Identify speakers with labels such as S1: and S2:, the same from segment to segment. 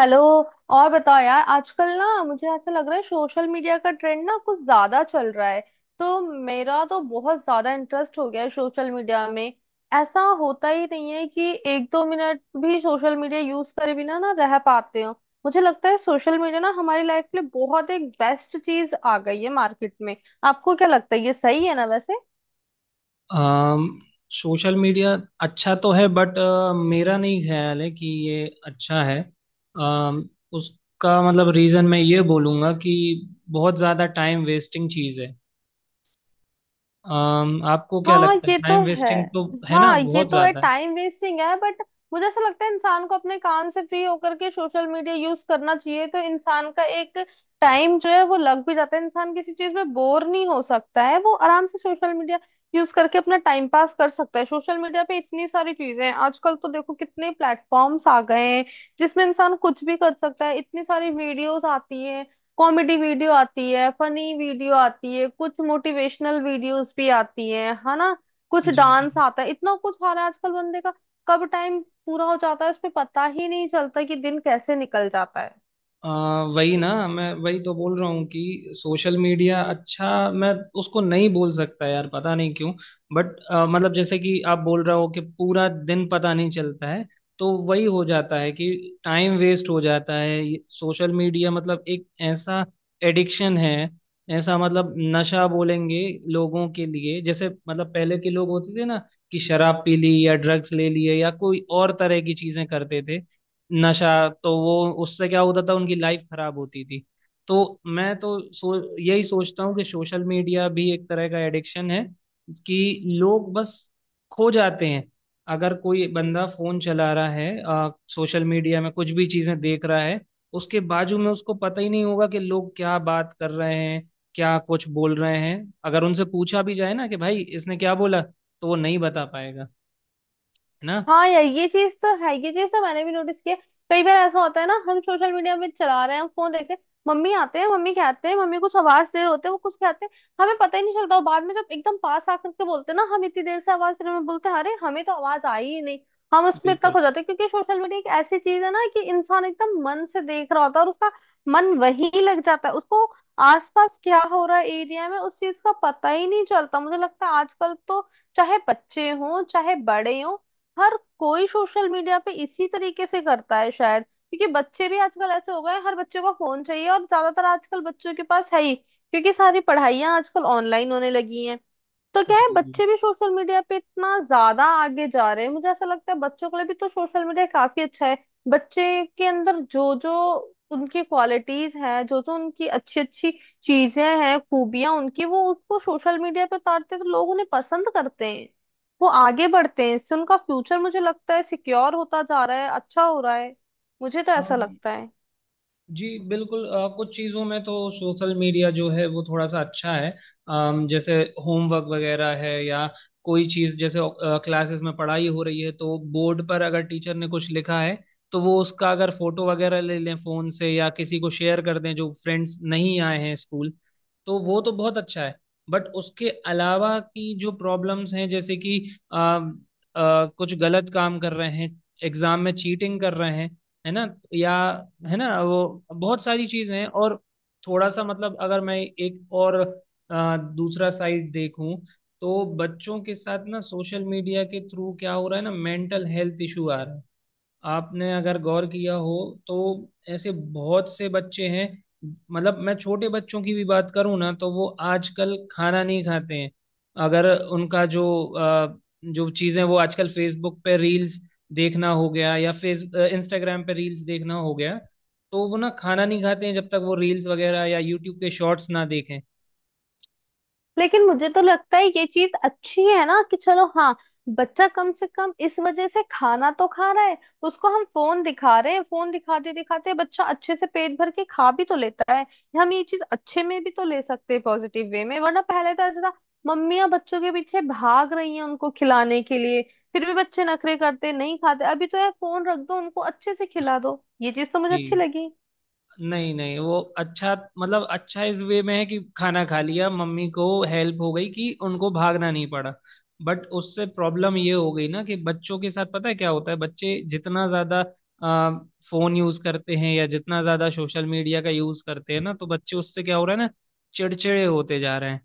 S1: Hello. और बताओ यार, आजकल ना मुझे ऐसा लग रहा है सोशल मीडिया का ट्रेंड ना कुछ ज्यादा चल रहा है। तो मेरा तो बहुत ज्यादा इंटरेस्ट हो गया है सोशल मीडिया में। ऐसा होता ही नहीं है कि एक दो मिनट भी सोशल मीडिया यूज करे बिना ना रह पाते हो। मुझे लगता है सोशल मीडिया ना हमारी लाइफ के लिए बहुत एक बेस्ट चीज आ गई है मार्केट में। आपको क्या लगता है, ये सही है ना वैसे?
S2: सोशल मीडिया अच्छा तो है बट मेरा नहीं ख्याल है कि ये अच्छा है। उसका मतलब रीज़न मैं ये बोलूँगा कि बहुत ज़्यादा टाइम वेस्टिंग चीज़ है। आपको क्या
S1: हाँ,
S2: लगता है,
S1: ये
S2: टाइम
S1: तो है।
S2: वेस्टिंग तो है ना,
S1: हाँ, ये
S2: बहुत
S1: तो है,
S2: ज़्यादा है।
S1: टाइम वेस्टिंग है। बट मुझे ऐसा लगता है इंसान को अपने काम से फ्री होकर के सोशल मीडिया यूज करना चाहिए, तो इंसान का एक टाइम जो है वो लग भी जाता है, इंसान किसी चीज में बोर नहीं हो सकता है, वो आराम से सोशल मीडिया यूज करके अपना टाइम पास कर सकता है। सोशल मीडिया पे इतनी सारी चीजें हैं आजकल, तो देखो कितने प्लेटफॉर्म्स आ गए हैं जिसमें इंसान कुछ भी कर सकता है। इतनी सारी वीडियोस आती हैं, कॉमेडी वीडियो आती है, फनी वीडियो आती है, कुछ मोटिवेशनल वीडियोस भी आती है ना, कुछ
S2: जी जी।
S1: डांस आता है, इतना कुछ आ रहा है आजकल। बंदे का कब टाइम पूरा हो जाता है उसमें पता ही नहीं चलता कि दिन कैसे निकल जाता है।
S2: वही ना, मैं वही तो बोल रहा हूँ कि सोशल मीडिया अच्छा मैं उसको नहीं बोल सकता यार, पता नहीं क्यों। बट मतलब जैसे कि आप बोल रहे हो कि पूरा दिन पता नहीं चलता है, तो वही हो जाता है कि टाइम वेस्ट हो जाता है। सोशल मीडिया मतलब एक ऐसा एडिक्शन है, ऐसा मतलब नशा बोलेंगे लोगों के लिए। जैसे मतलब पहले के लोग होते थे ना कि शराब पी ली या ड्रग्स ले लिए या कोई और तरह की चीजें करते थे, नशा। तो वो उससे क्या होता था, उनकी लाइफ खराब होती थी। तो मैं तो यही सोचता हूँ कि सोशल मीडिया भी एक तरह का एडिक्शन है कि लोग बस खो जाते हैं। अगर कोई बंदा फोन चला रहा है सोशल मीडिया में कुछ भी चीजें देख रहा है, उसके बाजू में उसको पता ही नहीं होगा कि लोग क्या बात कर रहे हैं, क्या कुछ बोल रहे हैं। अगर उनसे पूछा भी जाए ना कि भाई इसने क्या बोला, तो वो नहीं बता पाएगा, है ना।
S1: हाँ यार, ये चीज तो है, ये चीज तो मैंने भी नोटिस किया। कई बार ऐसा होता है ना, हम सोशल मीडिया में चला रहे हैं, हम फोन देख रहे हैं, मम्मी आते हैं, मम्मी कहते हैं, मम्मी कुछ आवाज दे रहे होते हैं, वो कुछ कहते हैं, हमें पता ही नहीं चलता। वो बाद में जब एकदम पास आकर के बोलते हैं ना हम इतनी देर से आवाज दे रहे हैं, हम बोलते हैं अरे हमें तो आवाज आई ही नहीं। हम उसमें इतना
S2: बिल्कुल।
S1: खो जाते हैं क्योंकि सोशल मीडिया एक ऐसी चीज है ना कि इंसान एकदम मन से देख रहा होता है और उसका मन वहीं लग जाता है। उसको आसपास क्या हो रहा है एरिया में उस चीज का पता ही नहीं चलता। मुझे लगता है आजकल तो, चाहे बच्चे हों चाहे बड़े हों, हर कोई सोशल मीडिया पे इसी तरीके से करता है शायद, क्योंकि बच्चे भी आजकल ऐसे हो गए हैं, हर बच्चे को फोन चाहिए और ज्यादातर आजकल बच्चों के पास है ही, क्योंकि सारी पढ़ाइयाँ आजकल ऑनलाइन होने लगी हैं। तो क्या है,
S2: जी
S1: बच्चे भी सोशल मीडिया पे इतना ज्यादा आगे जा रहे हैं। मुझे ऐसा लगता है बच्चों के लिए भी तो सोशल मीडिया काफी अच्छा है। बच्चे के अंदर जो जो उनकी क्वालिटीज हैं, जो जो उनकी अच्छी अच्छी चीजें हैं, खूबियां उनकी, वो उसको सोशल मीडिया पे उतारते हैं, तो लोग उन्हें पसंद करते हैं, वो आगे बढ़ते हैं। इससे उनका फ्यूचर मुझे लगता है सिक्योर होता जा रहा है, अच्छा हो रहा है। मुझे तो ऐसा लगता है।
S2: जी, बिल्कुल, कुछ चीज़ों में तो सोशल मीडिया जो है वो थोड़ा सा अच्छा है। जैसे होमवर्क वगैरह है, या कोई चीज़ जैसे क्लासेस में पढ़ाई हो रही है तो बोर्ड पर अगर टीचर ने कुछ लिखा है तो वो उसका अगर फोटो वगैरह ले लें फ़ोन से, या किसी को शेयर कर दें जो फ्रेंड्स नहीं आए हैं स्कूल, तो वो तो बहुत अच्छा है। बट उसके अलावा की जो प्रॉब्लम्स हैं, जैसे कि कुछ गलत काम कर रहे हैं, एग्ज़ाम में चीटिंग कर रहे हैं, है ना, या, है ना वो, बहुत सारी चीजें हैं। और थोड़ा सा मतलब, अगर मैं एक और दूसरा साइड देखूं, तो बच्चों के साथ ना सोशल मीडिया के थ्रू क्या हो रहा है ना, मेंटल हेल्थ इशू आ रहा है। आपने अगर गौर किया हो तो ऐसे बहुत से बच्चे हैं, मतलब मैं छोटे बच्चों की भी बात करूं ना तो वो आजकल खाना नहीं खाते हैं। अगर उनका जो अ, जो चीज़ें वो आजकल फेसबुक पे रील्स देखना हो गया या फेस इंस्टाग्राम पे रील्स देखना हो गया, तो वो ना खाना नहीं खाते हैं जब तक वो रील्स वगैरह या यूट्यूब के शॉर्ट्स ना देखें।
S1: लेकिन मुझे तो लगता है ये चीज अच्छी है ना, कि चलो हाँ, बच्चा कम से कम इस वजह से खाना तो खा रहा है। उसको हम फोन दिखा रहे हैं, फोन दिखाते दिखाते बच्चा अच्छे से पेट भर के खा भी तो लेता है। हम ये चीज अच्छे में भी तो ले सकते हैं, पॉजिटिव वे में, वरना पहले तो ऐसा था मम्मियां बच्चों के पीछे भाग रही हैं उनको खिलाने के लिए, फिर भी बच्चे नखरे करते नहीं खाते। अभी तो यार, फोन रख दो उनको अच्छे से खिला दो, ये चीज तो मुझे अच्छी
S2: जी।
S1: लगी।
S2: नहीं नहीं, वो अच्छा मतलब अच्छा इस वे में है कि खाना खा लिया, मम्मी को हेल्प हो गई कि उनको भागना नहीं पड़ा। बट उससे प्रॉब्लम ये हो गई ना कि बच्चों के साथ पता है क्या होता है, बच्चे जितना ज्यादा आ, फोन यूज करते हैं या जितना ज्यादा सोशल मीडिया का यूज करते हैं ना, तो बच्चे उससे क्या हो रहा है ना, चिड़चिड़े होते जा रहे हैं।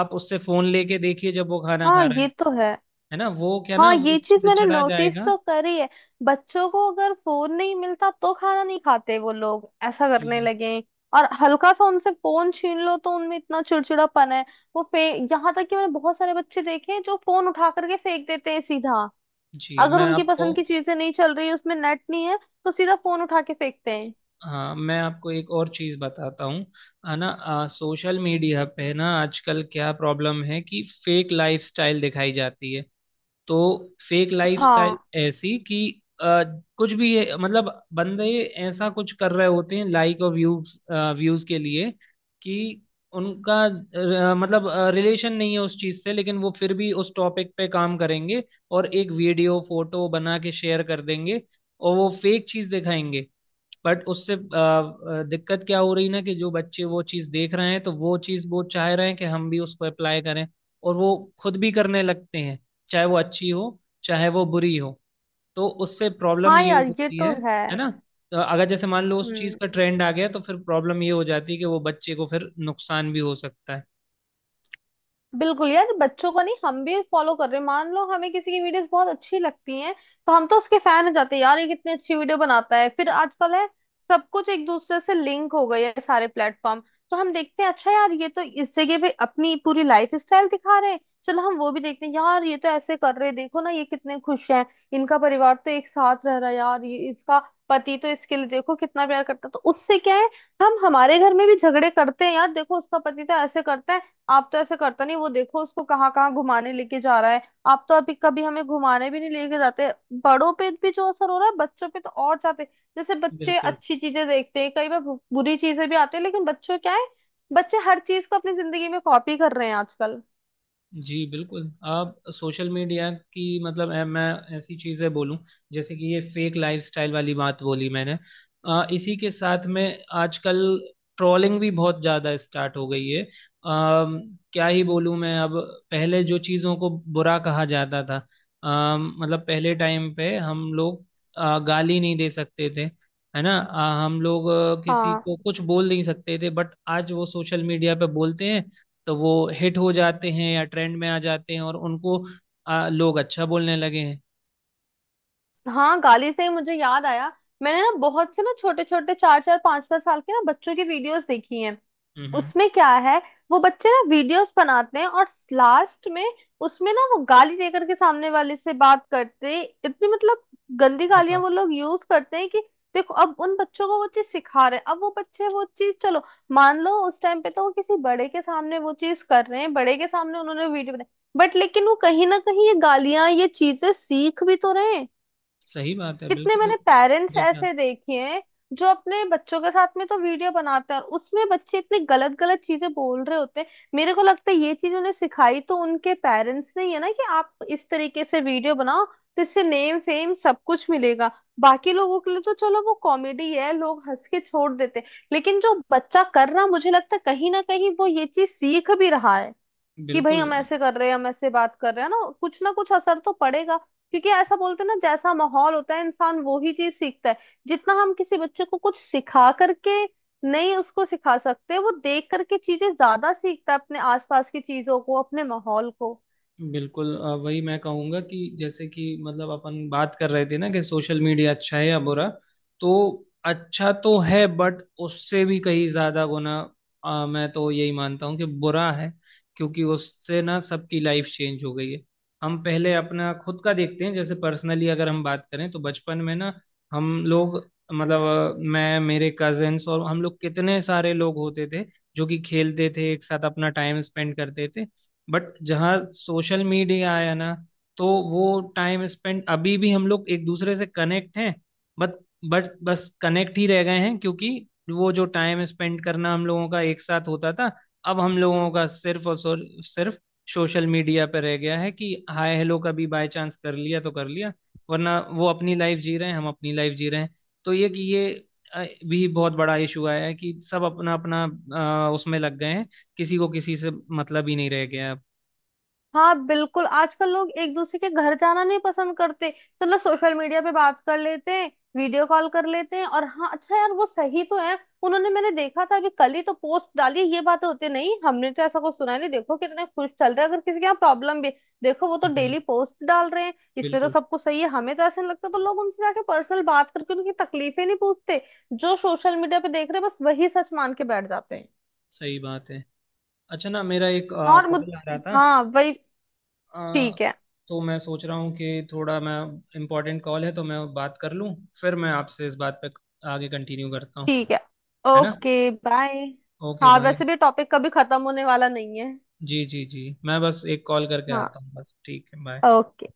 S2: आप उससे फोन लेके देखिए जब वो खाना
S1: हाँ
S2: खा रहे
S1: ये
S2: हैं,
S1: तो है।
S2: है ना, वो क्या ना,
S1: हाँ,
S2: वो
S1: ये चीज मैंने
S2: चिड़चिड़ा
S1: नोटिस
S2: जाएगा।
S1: तो करी है, बच्चों को अगर फोन नहीं मिलता तो खाना नहीं खाते, वो लोग ऐसा करने
S2: जी
S1: लगे हैं। और हल्का सा उनसे फोन छीन लो तो उनमें इतना चिड़चिड़ापन है। वो फे यहाँ तक कि मैंने बहुत सारे बच्चे देखे हैं जो फोन उठा करके फेंक देते हैं सीधा।
S2: जी।
S1: अगर
S2: मैं
S1: उनकी
S2: आपको
S1: पसंद की चीजें नहीं चल रही, उसमें नेट नहीं है, तो सीधा फोन उठा के फेंकते हैं।
S2: हाँ, मैं आपको एक और चीज बताता हूँ, है ना। सोशल मीडिया पे ना आजकल क्या प्रॉब्लम है कि फेक लाइफस्टाइल दिखाई जाती है। तो फेक
S1: हाँ।
S2: लाइफस्टाइल ऐसी कि आ, कुछ भी है, मतलब बंदे ऐसा कुछ कर रहे होते हैं लाइक और व्यूज व्यूज के लिए, कि उनका मतलब रिलेशन नहीं है उस चीज से, लेकिन वो फिर भी उस टॉपिक पे काम करेंगे, और एक वीडियो फोटो बना के शेयर कर देंगे, और वो फेक चीज दिखाएंगे। बट उससे दिक्कत क्या हो रही ना कि जो बच्चे वो चीज़ देख रहे हैं, तो वो चीज़ वो चाह रहे हैं कि हम भी उसको अप्लाई करें, और वो खुद भी करने लगते हैं, चाहे वो अच्छी हो चाहे वो बुरी हो, तो उससे प्रॉब्लम
S1: हाँ
S2: ये
S1: यार, ये
S2: होती है
S1: तो है।
S2: है ना। तो अगर जैसे मान लो उस चीज़
S1: हम्म,
S2: का ट्रेंड आ गया, तो फिर प्रॉब्लम ये हो जाती है कि वो बच्चे को फिर नुकसान भी हो सकता है।
S1: बिल्कुल यार, बच्चों को नहीं हम भी फॉलो कर रहे हैं। मान लो हमें किसी की वीडियोस बहुत अच्छी लगती हैं, तो हम तो उसके फैन हो जाते हैं, यार ये कितनी अच्छी वीडियो बनाता है। फिर आजकल है सब कुछ एक दूसरे से लिंक हो गए हैं सारे प्लेटफॉर्म। तो हम देखते हैं अच्छा यार, ये तो इस जगह पे अपनी पूरी लाइफ स्टाइल दिखा रहे हैं, चलो हम वो भी देखते हैं। यार ये तो ऐसे कर रहे हैं, देखो ना ये कितने खुश हैं, इनका परिवार तो एक साथ रह रहा है, यार ये इसका पति तो इसके लिए देखो कितना प्यार करता है। तो उससे क्या है, हम हमारे घर में भी झगड़े करते हैं, यार देखो उसका पति तो ऐसे करता है, आप तो ऐसे करता नहीं, वो देखो उसको कहाँ कहाँ घुमाने लेके जा रहा है, आप तो अभी कभी हमें घुमाने भी नहीं लेके जाते। बड़ों पे भी जो असर हो रहा है बच्चों पे तो और जाते। जैसे बच्चे
S2: बिल्कुल।
S1: अच्छी चीजें देखते हैं, कई बार बुरी चीजें भी आती है, लेकिन बच्चों क्या है, बच्चे हर चीज को अपनी जिंदगी में कॉपी कर रहे हैं आजकल।
S2: जी बिल्कुल। आप सोशल मीडिया की मतलब, मैं ऐसी चीज़ें बोलूं जैसे कि ये फेक लाइफस्टाइल वाली बात बोली मैंने, इसी के साथ में आजकल ट्रोलिंग भी बहुत ज़्यादा स्टार्ट हो गई है। क्या ही बोलूं मैं अब, पहले जो चीज़ों को बुरा कहा जाता था, मतलब पहले टाइम पे हम लोग गाली नहीं दे सकते थे, है ना, हम लोग किसी
S1: हाँ।
S2: को कुछ बोल नहीं सकते थे, बट आज वो सोशल मीडिया पे बोलते हैं तो वो हिट हो जाते हैं या ट्रेंड में आ जाते हैं, और उनको लोग अच्छा बोलने लगे हैं।
S1: हाँ, गाली से ही मुझे याद आया। मैंने ना बहुत से ना छोटे छोटे चार चार पांच पांच साल के ना बच्चों की वीडियोस देखी हैं।
S2: हम्म।
S1: उसमें क्या है, वो बच्चे ना वीडियोस बनाते हैं और लास्ट में उसमें ना वो गाली देकर के सामने वाले से बात करते हैं। इतनी मतलब गंदी गालियां
S2: बताओ।
S1: वो लोग यूज करते हैं कि देखो अब उन बच्चों को वो चीज सिखा रहे हैं। अब वो बच्चे वो चीज, चलो मान लो उस टाइम पे तो वो किसी बड़े के सामने वो चीज कर रहे हैं, बड़े के सामने उन्होंने वीडियो बनाई, बट लेकिन वो कहीं ना कहीं ये गालियां ये चीजें सीख भी तो रहे हैं।
S2: सही बात है।
S1: कितने
S2: बिल्कुल।
S1: मैंने पेरेंट्स
S2: बेशक।
S1: ऐसे देखे हैं जो अपने बच्चों के साथ में तो वीडियो बनाते हैं और उसमें बच्चे इतनी गलत गलत चीजें बोल रहे होते हैं। मेरे को लगता है ये चीज उन्हें सिखाई तो उनके पेरेंट्स ने ही है ना, कि आप इस तरीके से वीडियो बनाओ तो इससे नेम फेम सब कुछ मिलेगा। बाकी लोगों के लिए तो चलो वो कॉमेडी है, लोग हंस के छोड़ देते हैं। लेकिन जो बच्चा कर रहा मुझे लगता है कहीं ना कहीं वो ये चीज सीख भी रहा है, कि भाई
S2: बिल्कुल।
S1: हम ऐसे कर रहे हैं, हम ऐसे बात कर रहे हैं, ना कुछ असर तो पड़ेगा। क्योंकि ऐसा बोलते हैं ना जैसा माहौल होता है इंसान वो ही चीज सीखता है। जितना हम किसी बच्चे को कुछ सिखा करके नहीं उसको सिखा सकते, वो देख करके चीजें ज्यादा सीखता है अपने आसपास की चीजों को, अपने माहौल को।
S2: बिल्कुल वही मैं कहूंगा कि जैसे कि मतलब अपन बात कर रहे थे ना कि सोशल मीडिया अच्छा है या बुरा। तो अच्छा तो है, बट उससे भी कहीं ज्यादा गुना मैं तो यही मानता हूँ कि बुरा है। क्योंकि उससे ना सबकी लाइफ चेंज हो गई है। हम पहले अपना खुद का देखते हैं, जैसे पर्सनली अगर हम बात करें, तो बचपन में ना हम लोग, मतलब मैं, मेरे कजिन्स और हम लोग, कितने सारे लोग होते थे जो कि खेलते थे, एक साथ अपना टाइम स्पेंड करते थे। बट जहाँ सोशल मीडिया आया ना, तो वो टाइम स्पेंड, अभी भी हम लोग एक दूसरे से कनेक्ट हैं, बट बस कनेक्ट ही रह गए हैं। क्योंकि वो जो टाइम स्पेंड करना हम लोगों का एक साथ होता था, अब हम लोगों का सिर्फ और सिर्फ सोशल मीडिया पर रह गया है कि हाय हेलो कभी बाय चांस कर लिया तो कर लिया, वरना वो अपनी लाइफ जी रहे हैं, हम अपनी लाइफ जी रहे हैं। तो ये कि ये अ, भी बहुत बड़ा इशू आया है कि सब अपना अपना उसमें लग गए हैं, किसी को किसी से मतलब ही नहीं रह गया है अब।
S1: हाँ बिल्कुल, आजकल लोग एक दूसरे के घर जाना नहीं पसंद करते, चलो सोशल मीडिया पे बात कर लेते हैं, वीडियो कॉल कर लेते हैं। और हाँ, अच्छा यार, वो सही तो है। उन्होंने मैंने देखा था अभी कल ही तो पोस्ट डाली, ये बात होती नहीं हमने तो ऐसा कुछ सुना नहीं, देखो कितने खुश चल रहे हैं। अगर किसी के यहाँ प्रॉब्लम भी है, देखो वो तो
S2: हम्म,
S1: डेली पोस्ट डाल रहे हैं, इसमें तो
S2: बिल्कुल।
S1: सब कुछ सही है हमें तो ऐसे नहीं लगता, तो लोग उनसे जाके पर्सनल बात करके उनकी तकलीफें नहीं पूछते। जो सोशल मीडिया पे देख रहे हैं बस वही सच मान के बैठ जाते हैं।
S2: सही बात है। अच्छा, ना मेरा एक
S1: हाँ और मुझ
S2: कॉल आ रहा था,
S1: हाँ वही,
S2: अ,
S1: ठीक है,
S2: तो मैं सोच रहा हूँ कि थोड़ा मैं, इम्पोर्टेंट कॉल है तो मैं बात कर लूँ, फिर मैं आपसे इस बात पे आगे कंटिन्यू करता हूँ,
S1: ठीक है,
S2: है ना।
S1: Okay bye.
S2: ओके
S1: हाँ
S2: बाय।
S1: वैसे भी टॉपिक कभी खत्म होने वाला नहीं है।
S2: जी जी जी, मैं बस एक कॉल करके
S1: हाँ,
S2: आता हूँ, बस, ठीक है, बाय।
S1: ओके।